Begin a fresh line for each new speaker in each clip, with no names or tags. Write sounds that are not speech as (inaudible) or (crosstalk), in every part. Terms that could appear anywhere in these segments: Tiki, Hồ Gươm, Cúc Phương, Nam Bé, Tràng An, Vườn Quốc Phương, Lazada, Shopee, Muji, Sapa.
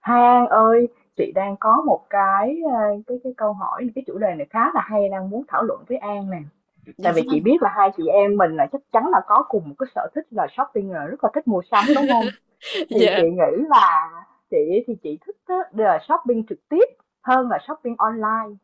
Hai An ơi, chị đang có một cái câu hỏi, cái chủ đề này khá là hay đang muốn thảo luận với An nè.
Dạ
Tại vì chị
vâng.
biết là hai chị em mình là chắc chắn là có cùng một cái sở thích là shopping rồi, rất là thích mua sắm đúng không?
(laughs)
Thì chị
Dạ.
nghĩ là chị thích á, là shopping trực tiếp hơn là shopping online.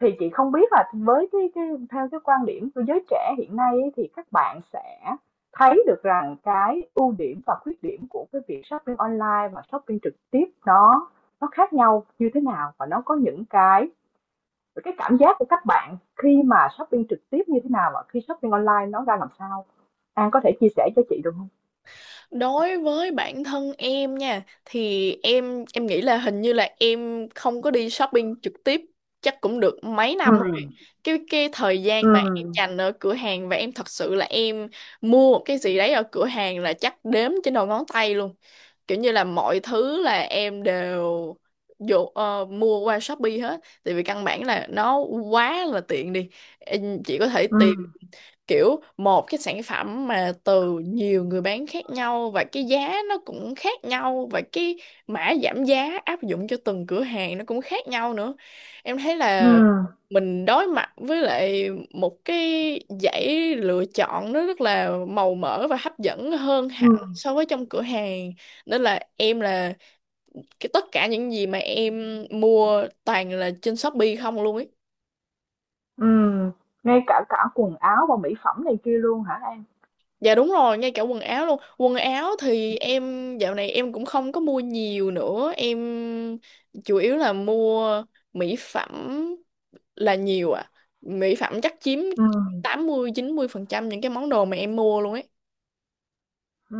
Thì chị không biết là với cái theo cái quan điểm của giới trẻ hiện nay ấy, thì các bạn sẽ thấy được rằng cái ưu điểm và khuyết điểm của cái việc shopping online và shopping trực tiếp nó khác nhau như thế nào và nó có những cái cảm giác của các bạn khi mà shopping trực tiếp như thế nào và khi shopping online nó ra làm sao? An có thể chia sẻ cho chị được không?
Đối với bản thân em nha thì em nghĩ là hình như là em không có đi shopping trực tiếp chắc cũng được mấy
Ừ,
năm rồi. Cái thời
ừ,
gian mà em dành ở cửa hàng và em thật sự là em mua một cái gì đấy ở cửa hàng là chắc đếm trên đầu ngón tay luôn. Kiểu như là mọi thứ là em đều dụ mua qua Shopee hết, tại vì căn bản là nó quá là tiện đi. Em chỉ có thể
ừ,
tìm kiểu một cái sản phẩm mà từ nhiều người bán khác nhau và cái giá nó cũng khác nhau, và cái mã giảm giá áp dụng cho từng cửa hàng nó cũng khác nhau nữa. Em thấy
ừ,
là mình đối mặt với lại một cái dãy lựa chọn nó rất là màu mỡ và hấp dẫn hơn hẳn
ừ.
so với trong cửa hàng, nên là em là cái tất cả những gì mà em mua toàn là trên Shopee không luôn ấy.
Ừ, ngay cả cả quần áo và mỹ phẩm này kia luôn hả An?
Dạ đúng rồi, ngay cả quần áo luôn. Quần áo thì em dạo này em cũng không có mua nhiều nữa. Em chủ yếu là mua mỹ phẩm là nhiều à. Mỹ phẩm chắc chiếm
Ừ,
tám mươi mươi 90% những cái món đồ mà em mua luôn ấy.
ừ.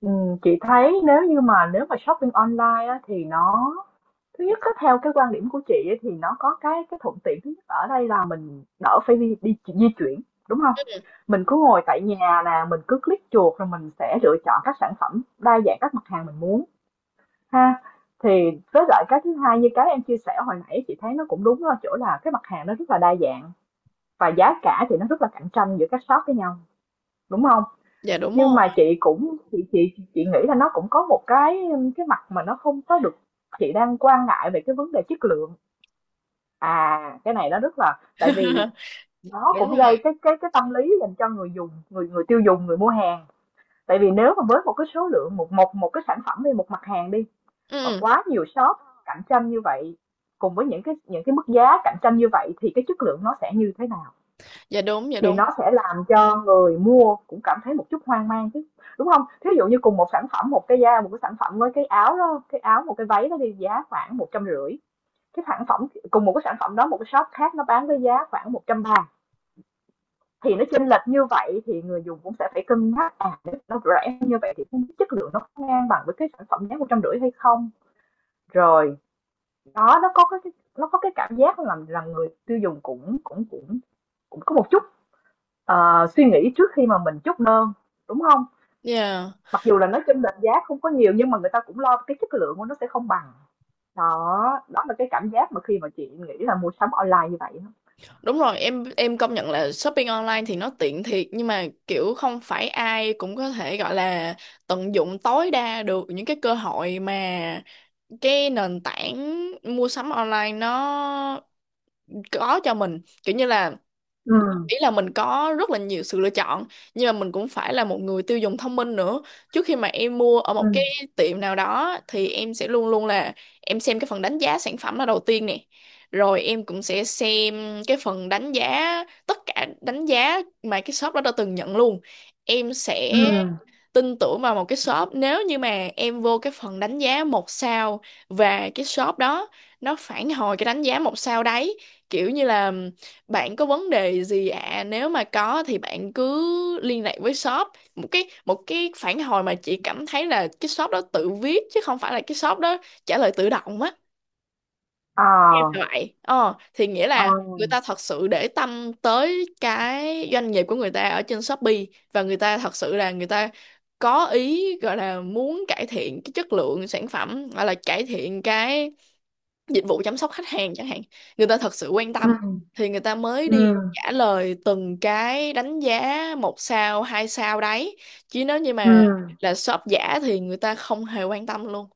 Ừ, chị thấy nếu mà shopping online á, thì nó thứ nhất á, theo cái quan điểm của chị ấy, thì nó có cái thuận tiện thứ nhất ở đây là mình đỡ phải đi di chuyển đúng không? Mình cứ ngồi tại nhà nè, mình cứ click chuột rồi mình sẽ lựa chọn các sản phẩm đa dạng các mặt hàng mình muốn ha. Thì với lại cái thứ hai như cái em chia sẻ hồi nãy chị thấy nó cũng đúng ở chỗ là cái mặt hàng nó rất là đa dạng và giá cả thì nó rất là cạnh tranh giữa các shop với nhau đúng không?
Dạ đúng
Nhưng mà
rồi.
chị cũng chị nghĩ là nó cũng có một cái mặt mà nó không có được, chị đang quan ngại về cái vấn đề chất lượng. À, cái này nó rất là tại vì
(laughs)
nó
Đúng
cũng gây
rồi.
cái tâm lý dành cho người dùng, người người tiêu dùng, người mua hàng. Tại vì nếu mà với một cái số lượng một một một cái sản phẩm đi, một mặt hàng đi mà
Ừ,
quá nhiều shop cạnh tranh như vậy cùng với những cái mức giá cạnh tranh như vậy thì cái chất lượng nó sẽ như thế nào?
dạ đúng, dạ
Thì
đúng.
nó sẽ làm cho người mua cũng cảm thấy một chút hoang mang chứ, đúng không? Thí dụ như cùng một sản phẩm, một cái sản phẩm với cái áo đó, cái áo một cái váy đó đi giá khoảng 150, cái sản phẩm cùng một cái sản phẩm đó một cái shop khác nó bán với giá khoảng 130, thì nó chênh lệch như vậy thì người dùng cũng sẽ phải cân nhắc, à, nó rẻ như vậy thì không chất lượng nó có ngang bằng với cái sản phẩm giá 150 hay không? Rồi, đó, nó có cái cảm giác làm rằng người tiêu dùng cũng cũng cũng cũng có một chút suy nghĩ trước khi mà mình chốt đơn đúng không?
Dạ.
Mặc dù là nó chênh lệch giá không có nhiều nhưng mà người ta cũng lo cái chất lượng của nó sẽ không bằng, đó, đó là cái cảm giác mà khi mà chị nghĩ là mua sắm online như vậy á.
Đúng rồi, em công nhận là shopping online thì nó tiện thiệt, nhưng mà kiểu không phải ai cũng có thể gọi là tận dụng tối đa được những cái cơ hội mà cái nền tảng mua sắm online nó có cho mình. Kiểu như là,
Ừ,
ý là mình có rất là nhiều sự lựa chọn nhưng mà mình cũng phải là một người tiêu dùng thông minh nữa. Trước khi mà em mua ở một cái
ừ,
tiệm nào đó thì em sẽ luôn luôn là em xem cái phần đánh giá sản phẩm là đầu tiên nè, rồi em cũng sẽ xem cái phần đánh giá, tất cả đánh giá mà cái shop đó đã từng nhận luôn. Em
ừ,
sẽ tin tưởng vào một cái shop nếu như mà em vô cái phần đánh giá một sao và cái shop đó nó phản hồi cái đánh giá một sao đấy, kiểu như là bạn có vấn đề gì ạ à? Nếu mà có thì bạn cứ liên lạc với shop, một cái phản hồi mà chị cảm thấy là cái shop đó tự viết chứ không phải là cái shop đó trả lời tự động á.
ờ,
Em là vậy. Ờ, thì nghĩa
ờ,
là người ta thật sự để tâm tới cái doanh nghiệp của người ta ở trên Shopee, và người ta thật sự là người ta có ý, gọi là muốn cải thiện cái chất lượng sản phẩm hoặc là cải thiện cái dịch vụ chăm sóc khách hàng chẳng hạn. Người ta thật sự quan
ừ,
tâm thì người ta mới
ừ,
đi trả lời từng cái đánh giá một sao, hai sao đấy. Chứ nếu như
ừ,
mà là shop giả thì người ta không hề quan tâm luôn,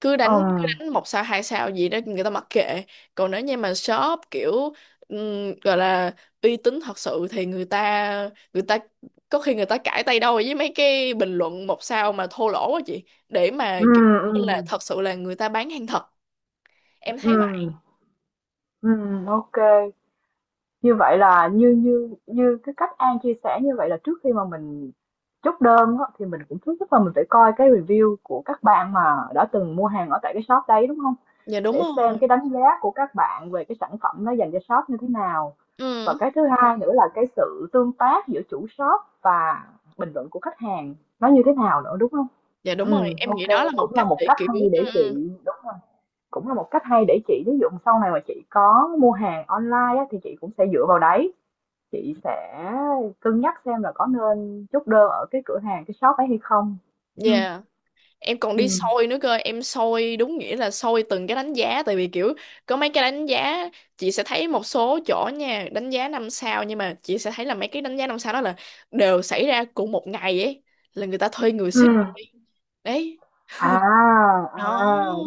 ừ,
cứ đánh một sao hai sao gì đó người ta mặc kệ. Còn nếu như mà shop kiểu gọi là uy tín thật sự thì người ta có khi người ta cãi tay đâu với mấy cái bình luận một sao mà thô lỗ á chị, để mà
ừ,
kiểu
ừ,
là
ừ,
thật sự là người ta bán hàng thật. Em thấy vậy.
ừ, ừ, ok. Như vậy là như như như cái cách An chia sẻ như vậy là trước khi mà mình chốt đơn á, thì mình cũng thứ nhất là mình phải coi cái review của các bạn mà đã từng mua hàng ở tại cái shop đấy đúng không?
Dạ đúng
Để xem
rồi.
cái đánh giá của các bạn về cái sản phẩm nó dành cho shop như thế nào.
Ừ.
Và cái thứ hai nữa là cái sự tương tác giữa chủ shop và bình luận của khách hàng nó như thế nào nữa đúng không?
Dạ đúng rồi,
Ừ,
em nghĩ đó là
ok, cũng
một
là
cách
một
để
cách
kiểu.
hay
Ừ,
để
ừ.
chị đúng rồi. Cũng là một cách hay để chị ví dụ sau này mà chị có mua hàng online á, thì chị cũng sẽ dựa vào đấy, chị sẽ cân nhắc xem là có nên chốt đơn ở cái cửa hàng, cái shop ấy hay không. Ừm,
Dạ, em còn đi
ừm.
soi nữa cơ, em soi đúng nghĩa là soi từng cái đánh giá. Tại vì kiểu có mấy cái đánh giá, chị sẽ thấy một số chỗ nha, đánh giá năm sao nhưng mà chị sẽ thấy là mấy cái đánh giá năm sao đó là đều xảy ra cùng một ngày ấy, là người ta thuê người
Ừ.
xích đấy
À, à,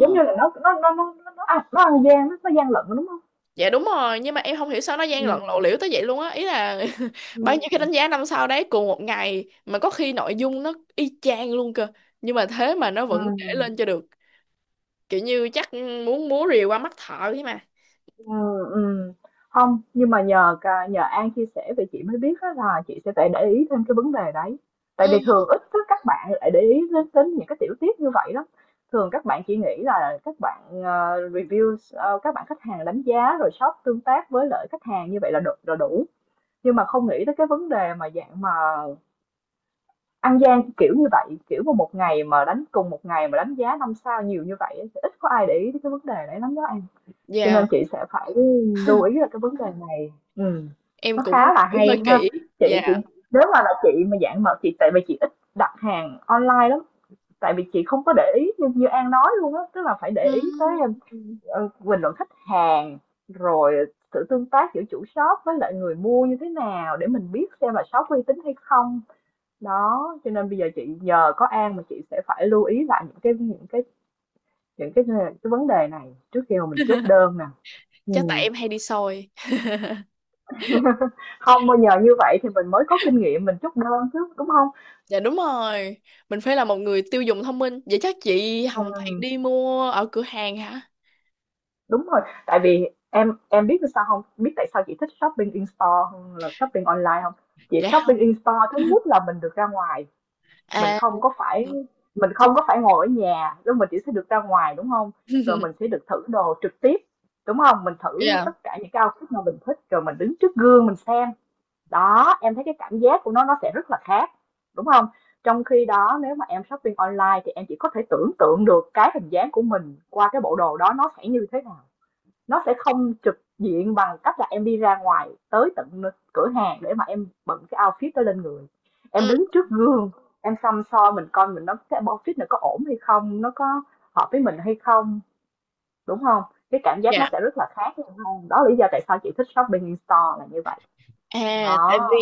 giống như là nó ăn gian, nó gian lận đúng không?
Dạ đúng rồi, nhưng mà em không hiểu sao nó gian lận lộ
Ừm,
liễu tới vậy luôn á, ý là (laughs) bao nhiêu cái
ừm,
đánh giá năm sao đấy cùng một ngày mà có khi nội dung nó y chang luôn cơ, nhưng mà thế mà nó vẫn để
ừm.
lên cho được, kiểu như chắc muốn múa rìu qua mắt thợ ấy mà.
Ừ, ừm. Hông, nhưng mà nhờ An chia sẻ vậy chị mới biết á là chị sẽ phải để ý thêm cái vấn đề đấy. Tại
Ừ.
vì thường ít có các bạn lại để ý đến đến những cái tiểu tiết như vậy lắm. Thường các bạn chỉ nghĩ là các bạn, review, các bạn khách hàng đánh giá rồi shop tương tác với lại khách hàng như vậy là đủ, nhưng mà không nghĩ tới cái vấn đề mà dạng mà ăn gian kiểu như vậy, kiểu mà một ngày mà đánh cùng một ngày mà đánh giá 5 sao nhiều như vậy á, thì ít có ai để ý tới cái vấn đề đấy lắm đó An, cho
Dạ.
nên chị sẽ phải lưu ý là cái vấn đề này. Ừ.
Em
Nó
cũng
khá là
kiểu hơi
hay ha,
kỹ.
chị
Dạ.
nếu mà là chị mà dạng mà chị tại vì chị ít đặt hàng online lắm tại vì chị không có để ý như, như An nói luôn á tức là phải để ý tới
Ừm.
bình luận khách hàng rồi sự tương tác giữa chủ shop với lại người mua như thế nào để mình biết xem là shop uy tín hay không đó cho nên bây giờ chị nhờ có An mà chị sẽ phải lưu ý lại những cái những cái những cái vấn đề này trước khi mà mình chốt đơn nè.
Chắc tại
Ừ.
em hay đi soi.
(laughs) Không, bây giờ như vậy thì mình mới có kinh nghiệm mình chốt đơn chứ, đúng không?
Dạ đúng rồi. Mình phải là một người tiêu dùng thông minh. Vậy chắc chị Hồng thẹn
Ừm,
đi mua ở cửa hàng hả?
đúng rồi, tại vì em biết sao không? Biết tại sao chị thích shopping in store hơn là shopping online không? Chị
Dạ không.
shopping in store thứ nhất là mình được ra ngoài, mình
À.
không có phải mình không có phải ngồi ở nhà, lúc mình chỉ sẽ được ra ngoài, đúng không? Rồi mình sẽ được thử đồ trực tiếp, đúng không? Mình thử
Dạ.
tất cả những cái outfit mà mình thích, rồi mình đứng trước gương mình xem. Đó em thấy cái cảm giác của nó sẽ rất là khác đúng không? Trong khi đó nếu mà em shopping online thì em chỉ có thể tưởng tượng được cái hình dáng của mình qua cái bộ đồ đó nó sẽ như thế nào, nó sẽ không trực diện bằng cách là em đi ra ngoài tới tận cửa hàng để mà em bận cái outfit đó lên người, em
Ừ.
đứng trước gương, em xăm soi mình coi mình nó cái outfit này có ổn hay không nó có hợp với mình hay không đúng không? Cái cảm giác nó
Dạ.
sẽ rất là khác đúng không? Đó là lý do tại sao chị thích shopping in store là như vậy
À, tại
đó.
vì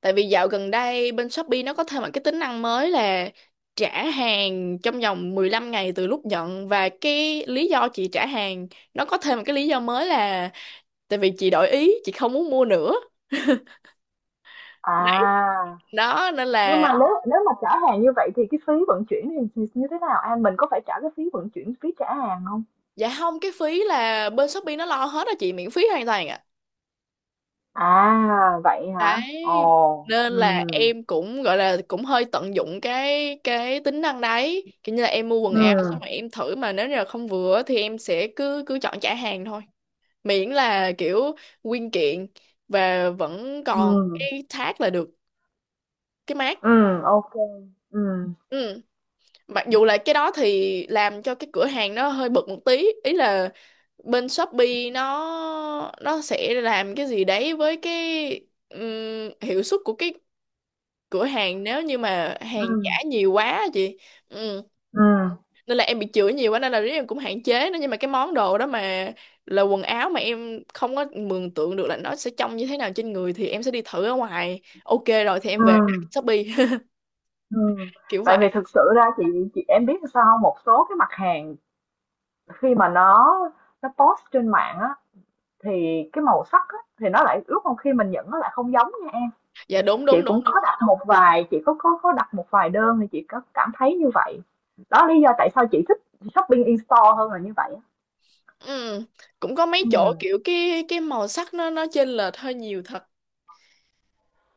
tại vì dạo gần đây bên Shopee nó có thêm một cái tính năng mới là trả hàng trong vòng 15 ngày từ lúc nhận, và cái lý do chị trả hàng nó có thêm một cái lý do mới là tại vì chị đổi ý, chị không muốn mua nữa.
À,
Đó nên
nhưng
là
mà nếu nếu mà trả hàng như vậy thì cái phí vận chuyển thì như thế nào An, mình có phải trả cái phí vận chuyển phí trả hàng không?
dạ không, cái phí là bên Shopee nó lo hết á chị, miễn phí hoàn toàn ạ.
À vậy
Đấy,
hả, ồ,
nên
ừ.
là em cũng gọi là cũng hơi tận dụng cái tính năng đấy, kiểu như là em mua quần
Ừ,
áo xong rồi em thử mà nếu như là không vừa á thì em sẽ cứ cứ chọn trả hàng thôi, miễn là kiểu nguyên kiện và vẫn còn
ừ,
cái tag là được, cái mác.
ừ, ok, ừ,
Ừ. Mặc dù là cái đó thì làm cho cái cửa hàng nó hơi bực một tí, ý là bên Shopee nó sẽ làm cái gì đấy với cái hiệu suất của cái cửa hàng nếu như mà
ừ,
hàng giả nhiều quá á chị. Ừ.
ừ,
Nên là em bị chửi nhiều quá nên là riết em cũng hạn chế nó, nhưng mà cái món đồ đó mà là quần áo mà em không có mường tượng được là nó sẽ trông như thế nào trên người thì em sẽ đi thử ở ngoài. Ok, rồi thì em
ừ,
về đặt Shopee (laughs)
ừ.
kiểu
Tại vì
vậy.
thực sự ra chị em biết sao không? Một số cái mặt hàng khi mà nó post trên mạng á thì cái màu sắc á, thì nó lại ước không khi mình nhận nó lại không giống nha em.
Dạ đúng
Chị
đúng đúng
cũng có
đúng.
đặt một vài, chị có đặt một vài đơn thì chị có cảm thấy như vậy. Đó lý do tại sao chị thích shopping in store hơn là như vậy á.
Ừ, cũng có mấy chỗ
Ừm.
kiểu cái màu sắc nó chênh lệch hơi nhiều thật.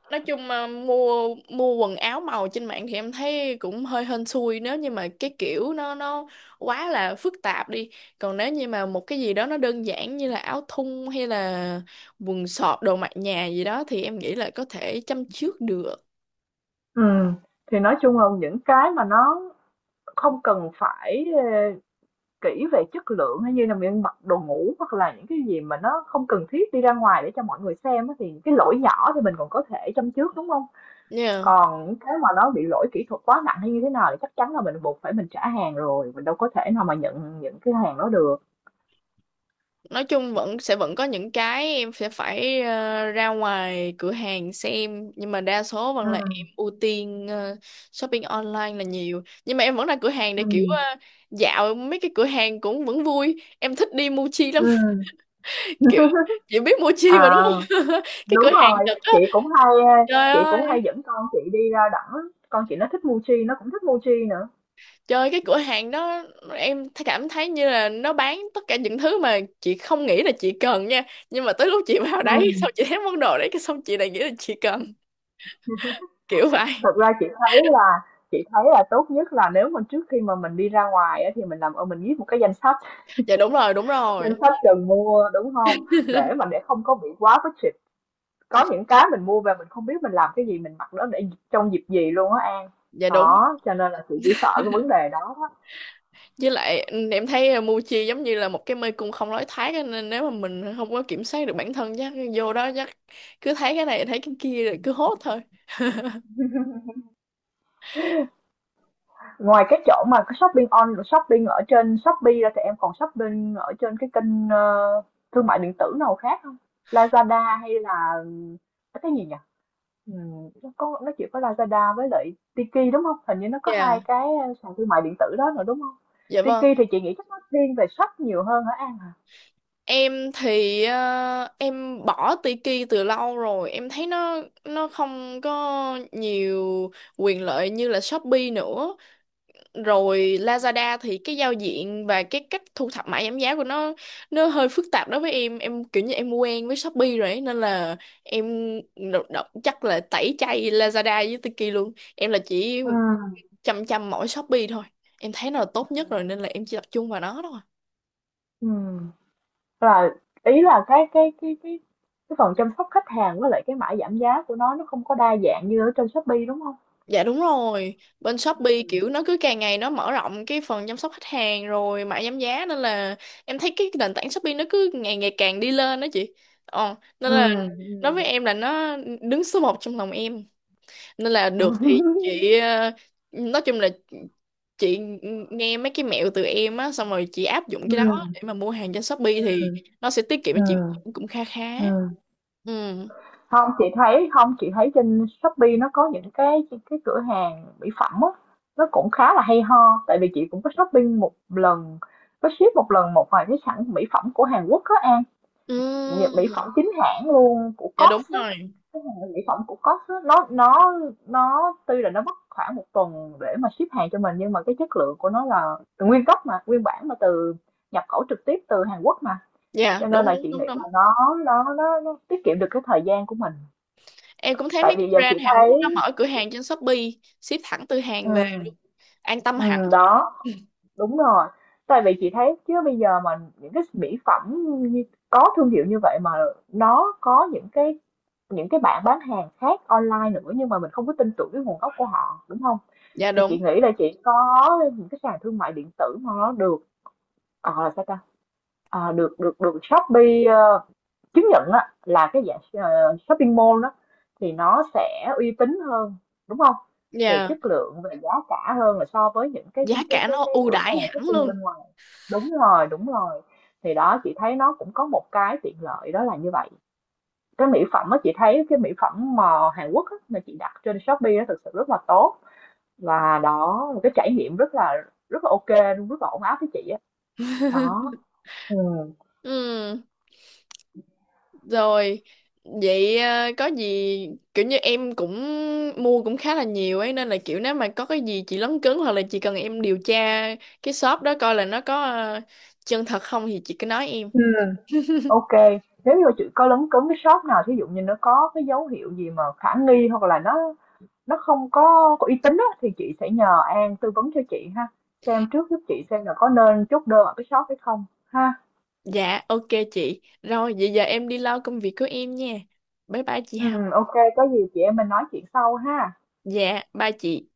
Nói chung mà mua mua quần áo màu trên mạng thì em thấy cũng hơi hên xui, nếu như mà cái kiểu nó quá là phức tạp đi. Còn nếu như mà một cái gì đó nó đơn giản như là áo thun hay là quần sọt, đồ mặc nhà gì đó thì em nghĩ là có thể chăm chước được.
Thì nói chung là những cái mà nó không cần phải, kỹ về chất lượng hay như là miếng mặc đồ ngủ hoặc là những cái gì mà nó không cần thiết đi ra ngoài để cho mọi người xem á, thì cái lỗi nhỏ thì mình còn có thể châm chước, đúng không?
Nha.
Còn những cái mà nó bị lỗi kỹ thuật quá nặng hay như thế nào thì chắc chắn là mình buộc phải mình trả hàng rồi, mình đâu có thể nào mà nhận những cái hàng đó được.
Nói chung vẫn sẽ vẫn có những cái em sẽ phải ra ngoài cửa hàng xem, nhưng mà đa số vẫn là em
Ừm.
ưu tiên shopping online là nhiều, nhưng mà em vẫn ra cửa hàng để
Ừ,
kiểu dạo mấy cái cửa hàng cũng vẫn vui, em thích đi Muji lắm.
ừ.
(laughs) Kiểu, chị biết Muji mà đúng
À,
không? (laughs) Cái cửa
đúng
hàng
rồi,
Nhật á.
ờ,
Trời
chị cũng hay
ơi.
dẫn con chị đi ra đảo á, con chị nó thích Mochi, nó cũng thích Mochi nữa.
Trời, cái cửa hàng đó em cảm thấy như là nó bán tất cả những thứ mà chị không nghĩ là chị cần nha, nhưng mà tới lúc chị vào đấy (laughs)
Ừm,
xong chị thấy món đồ đấy cái xong chị lại nghĩ là chị cần, kiểu vậy.
thật ra chị thấy là tốt nhất là nếu mà trước khi mà mình đi ra ngoài á, thì mình làm ơn mình viết một cái
Dạ đúng rồi đúng rồi.
danh sách cần mua, đúng không? Để mà để không có bị quá budget, có những cái mình mua về mình không biết mình làm cái gì, mình mặc nó để trong dịp gì luôn á An.
Dạ đúng.
Đó, cho nên là chị chỉ sợ cái vấn đề đó đó.
Với lại ừ, em thấy Muji giống như là một cái mê cung không lối thoát á, nên nếu mà mình không có kiểm soát được bản thân chắc vô đó chắc cứ thấy cái này thấy cái kia rồi cứ hốt thôi.
Ngoài cái chỗ mà cái shopping on shopping ở trên Shopee ra thì em còn shopping ở trên cái kênh, thương mại điện tử nào khác không? Lazada hay là cái gì nhỉ? Nó có nó chỉ có Lazada với lại Tiki, đúng không? Hình như nó có
Dạ.
hai cái, sàn thương mại điện tử đó rồi, đúng không?
Dạ vâng.
Tiki thì chị nghĩ chắc nó thiên về shop nhiều hơn hả An hả?
Em thì em bỏ Tiki từ lâu rồi, em thấy nó không có nhiều quyền lợi như là Shopee nữa, rồi Lazada thì cái giao diện và cái cách thu thập mã giảm giá của nó hơi phức tạp đối với em kiểu như em quen với Shopee rồi ấy, nên là em chắc là tẩy chay Lazada với Tiki luôn, em là chỉ
Ừm,
chăm chăm mỗi Shopee thôi, em thấy nó là tốt nhất rồi nên là em chỉ tập trung vào nó thôi.
ừm, là ý là cái cái phần chăm sóc khách hàng với lại cái mã giảm giá của nó không có đa dạng như ở trên Shopee, đúng không?
Dạ đúng rồi, bên Shopee kiểu nó cứ càng ngày nó mở rộng cái phần chăm sóc khách hàng rồi mã giảm giá, nên là em thấy cái nền tảng Shopee nó cứ ngày ngày càng đi lên đó chị. Ờ, nên là
Ừm,
đối với
ừm.
em là nó đứng số một trong lòng em. Nên là
(laughs)
được thì
Ừm,
chị ờ, nói chung là chị nghe mấy cái mẹo từ em á xong rồi chị áp dụng cái đó
ừm,
để mà mua hàng trên Shopee thì nó sẽ tiết kiệm cho chị
ừm,
cũng kha khá.
ừm.
Ừ.
Hông, chị thấy không, chị thấy trên Shopee nó có những cái cửa hàng mỹ phẩm á, nó cũng khá là hay ho, tại vì chị cũng có shopping một lần, có ship một lần một vài cái sản mỹ phẩm của Hàn Quốc á An,
Ừ.
nhờ mỹ phẩm chính hãng luôn của
Dạ đúng
Cost á,
rồi.
cái hàng mỹ phẩm của Cost á, nó tuy là nó mất khoảng một tuần để mà ship hàng cho mình nhưng mà cái chất lượng của nó là nguyên gốc mà, nguyên bản mà từ nhập khẩu trực tiếp từ Hàn Quốc mà.
Dạ
Cho nên
đúng
là
đúng
chị
đúng
nghĩ là
đúng.
nó tiết kiệm được cái thời gian của mình
Em cũng thấy
tại
mấy cái
vì giờ chị
brand Hàn Quốc
thấy
nó mở cửa hàng trên Shopee, ship thẳng từ
ừ,
Hàn về, an tâm
ừ,
hẳn.
đó, đúng rồi. Tại vì chị thấy chứ bây giờ mà những cái mỹ phẩm như- có thương hiệu như vậy mà nó có những cái bạn bán hàng khác online nữa nhưng mà mình không có tin tưởng cái nguồn gốc của họ, đúng không?
Dạ
Thì
đúng.
chị nghĩ là chị có những cái sàn thương mại điện tử mà nó được ờ là sao ta được được được Shopee chứng nhận á là cái dạng shopping mall đó thì nó sẽ uy tín hơn, đúng không? Về
Dạ,
chất lượng, về giá cả hơn là so với những cái
giá
cái
cả
cái
nó
cái
ưu
cửa hàng
đãi hẳn
shopping
luôn.
bên ngoài. Đúng rồi, đúng rồi, thì đó chị thấy nó cũng có một cái tiện lợi đó là như vậy. Cái mỹ phẩm á, chị thấy cái mỹ phẩm mà Hàn Quốc á, mà chị đặt trên Shopee á thực sự rất là tốt, và đó một cái trải nghiệm rất là ok luôn, rất là ổn áp với chị á. Đó,
(laughs)
ừ.
Ừ, rồi vậy ờ, có gì kiểu như em cũng mua cũng khá là nhiều ấy, nên là kiểu nếu mà có cái gì chị lấn cấn hoặc là chị cần em điều tra cái shop đó coi là nó có ờ, chân thật không thì chị cứ nói em.
Ừ. OK, nếu như chị có lấn cấn cái shop nào thí dụ như nó có cái dấu hiệu gì mà khả nghi hoặc là nó không có uy tín á, thì chị sẽ nhờ An tư vấn cho chị ha, xem trước giúp chị xem là có nên chốt đơn ở cái shop hay không ha.
Dạ ok chị. Rồi vậy giờ em đi lo công việc của em nha. Bye bye chị
Ừ,
Hồng.
OK, có gì chị em mình nói chuyện sau ha.
Dạ bye chị.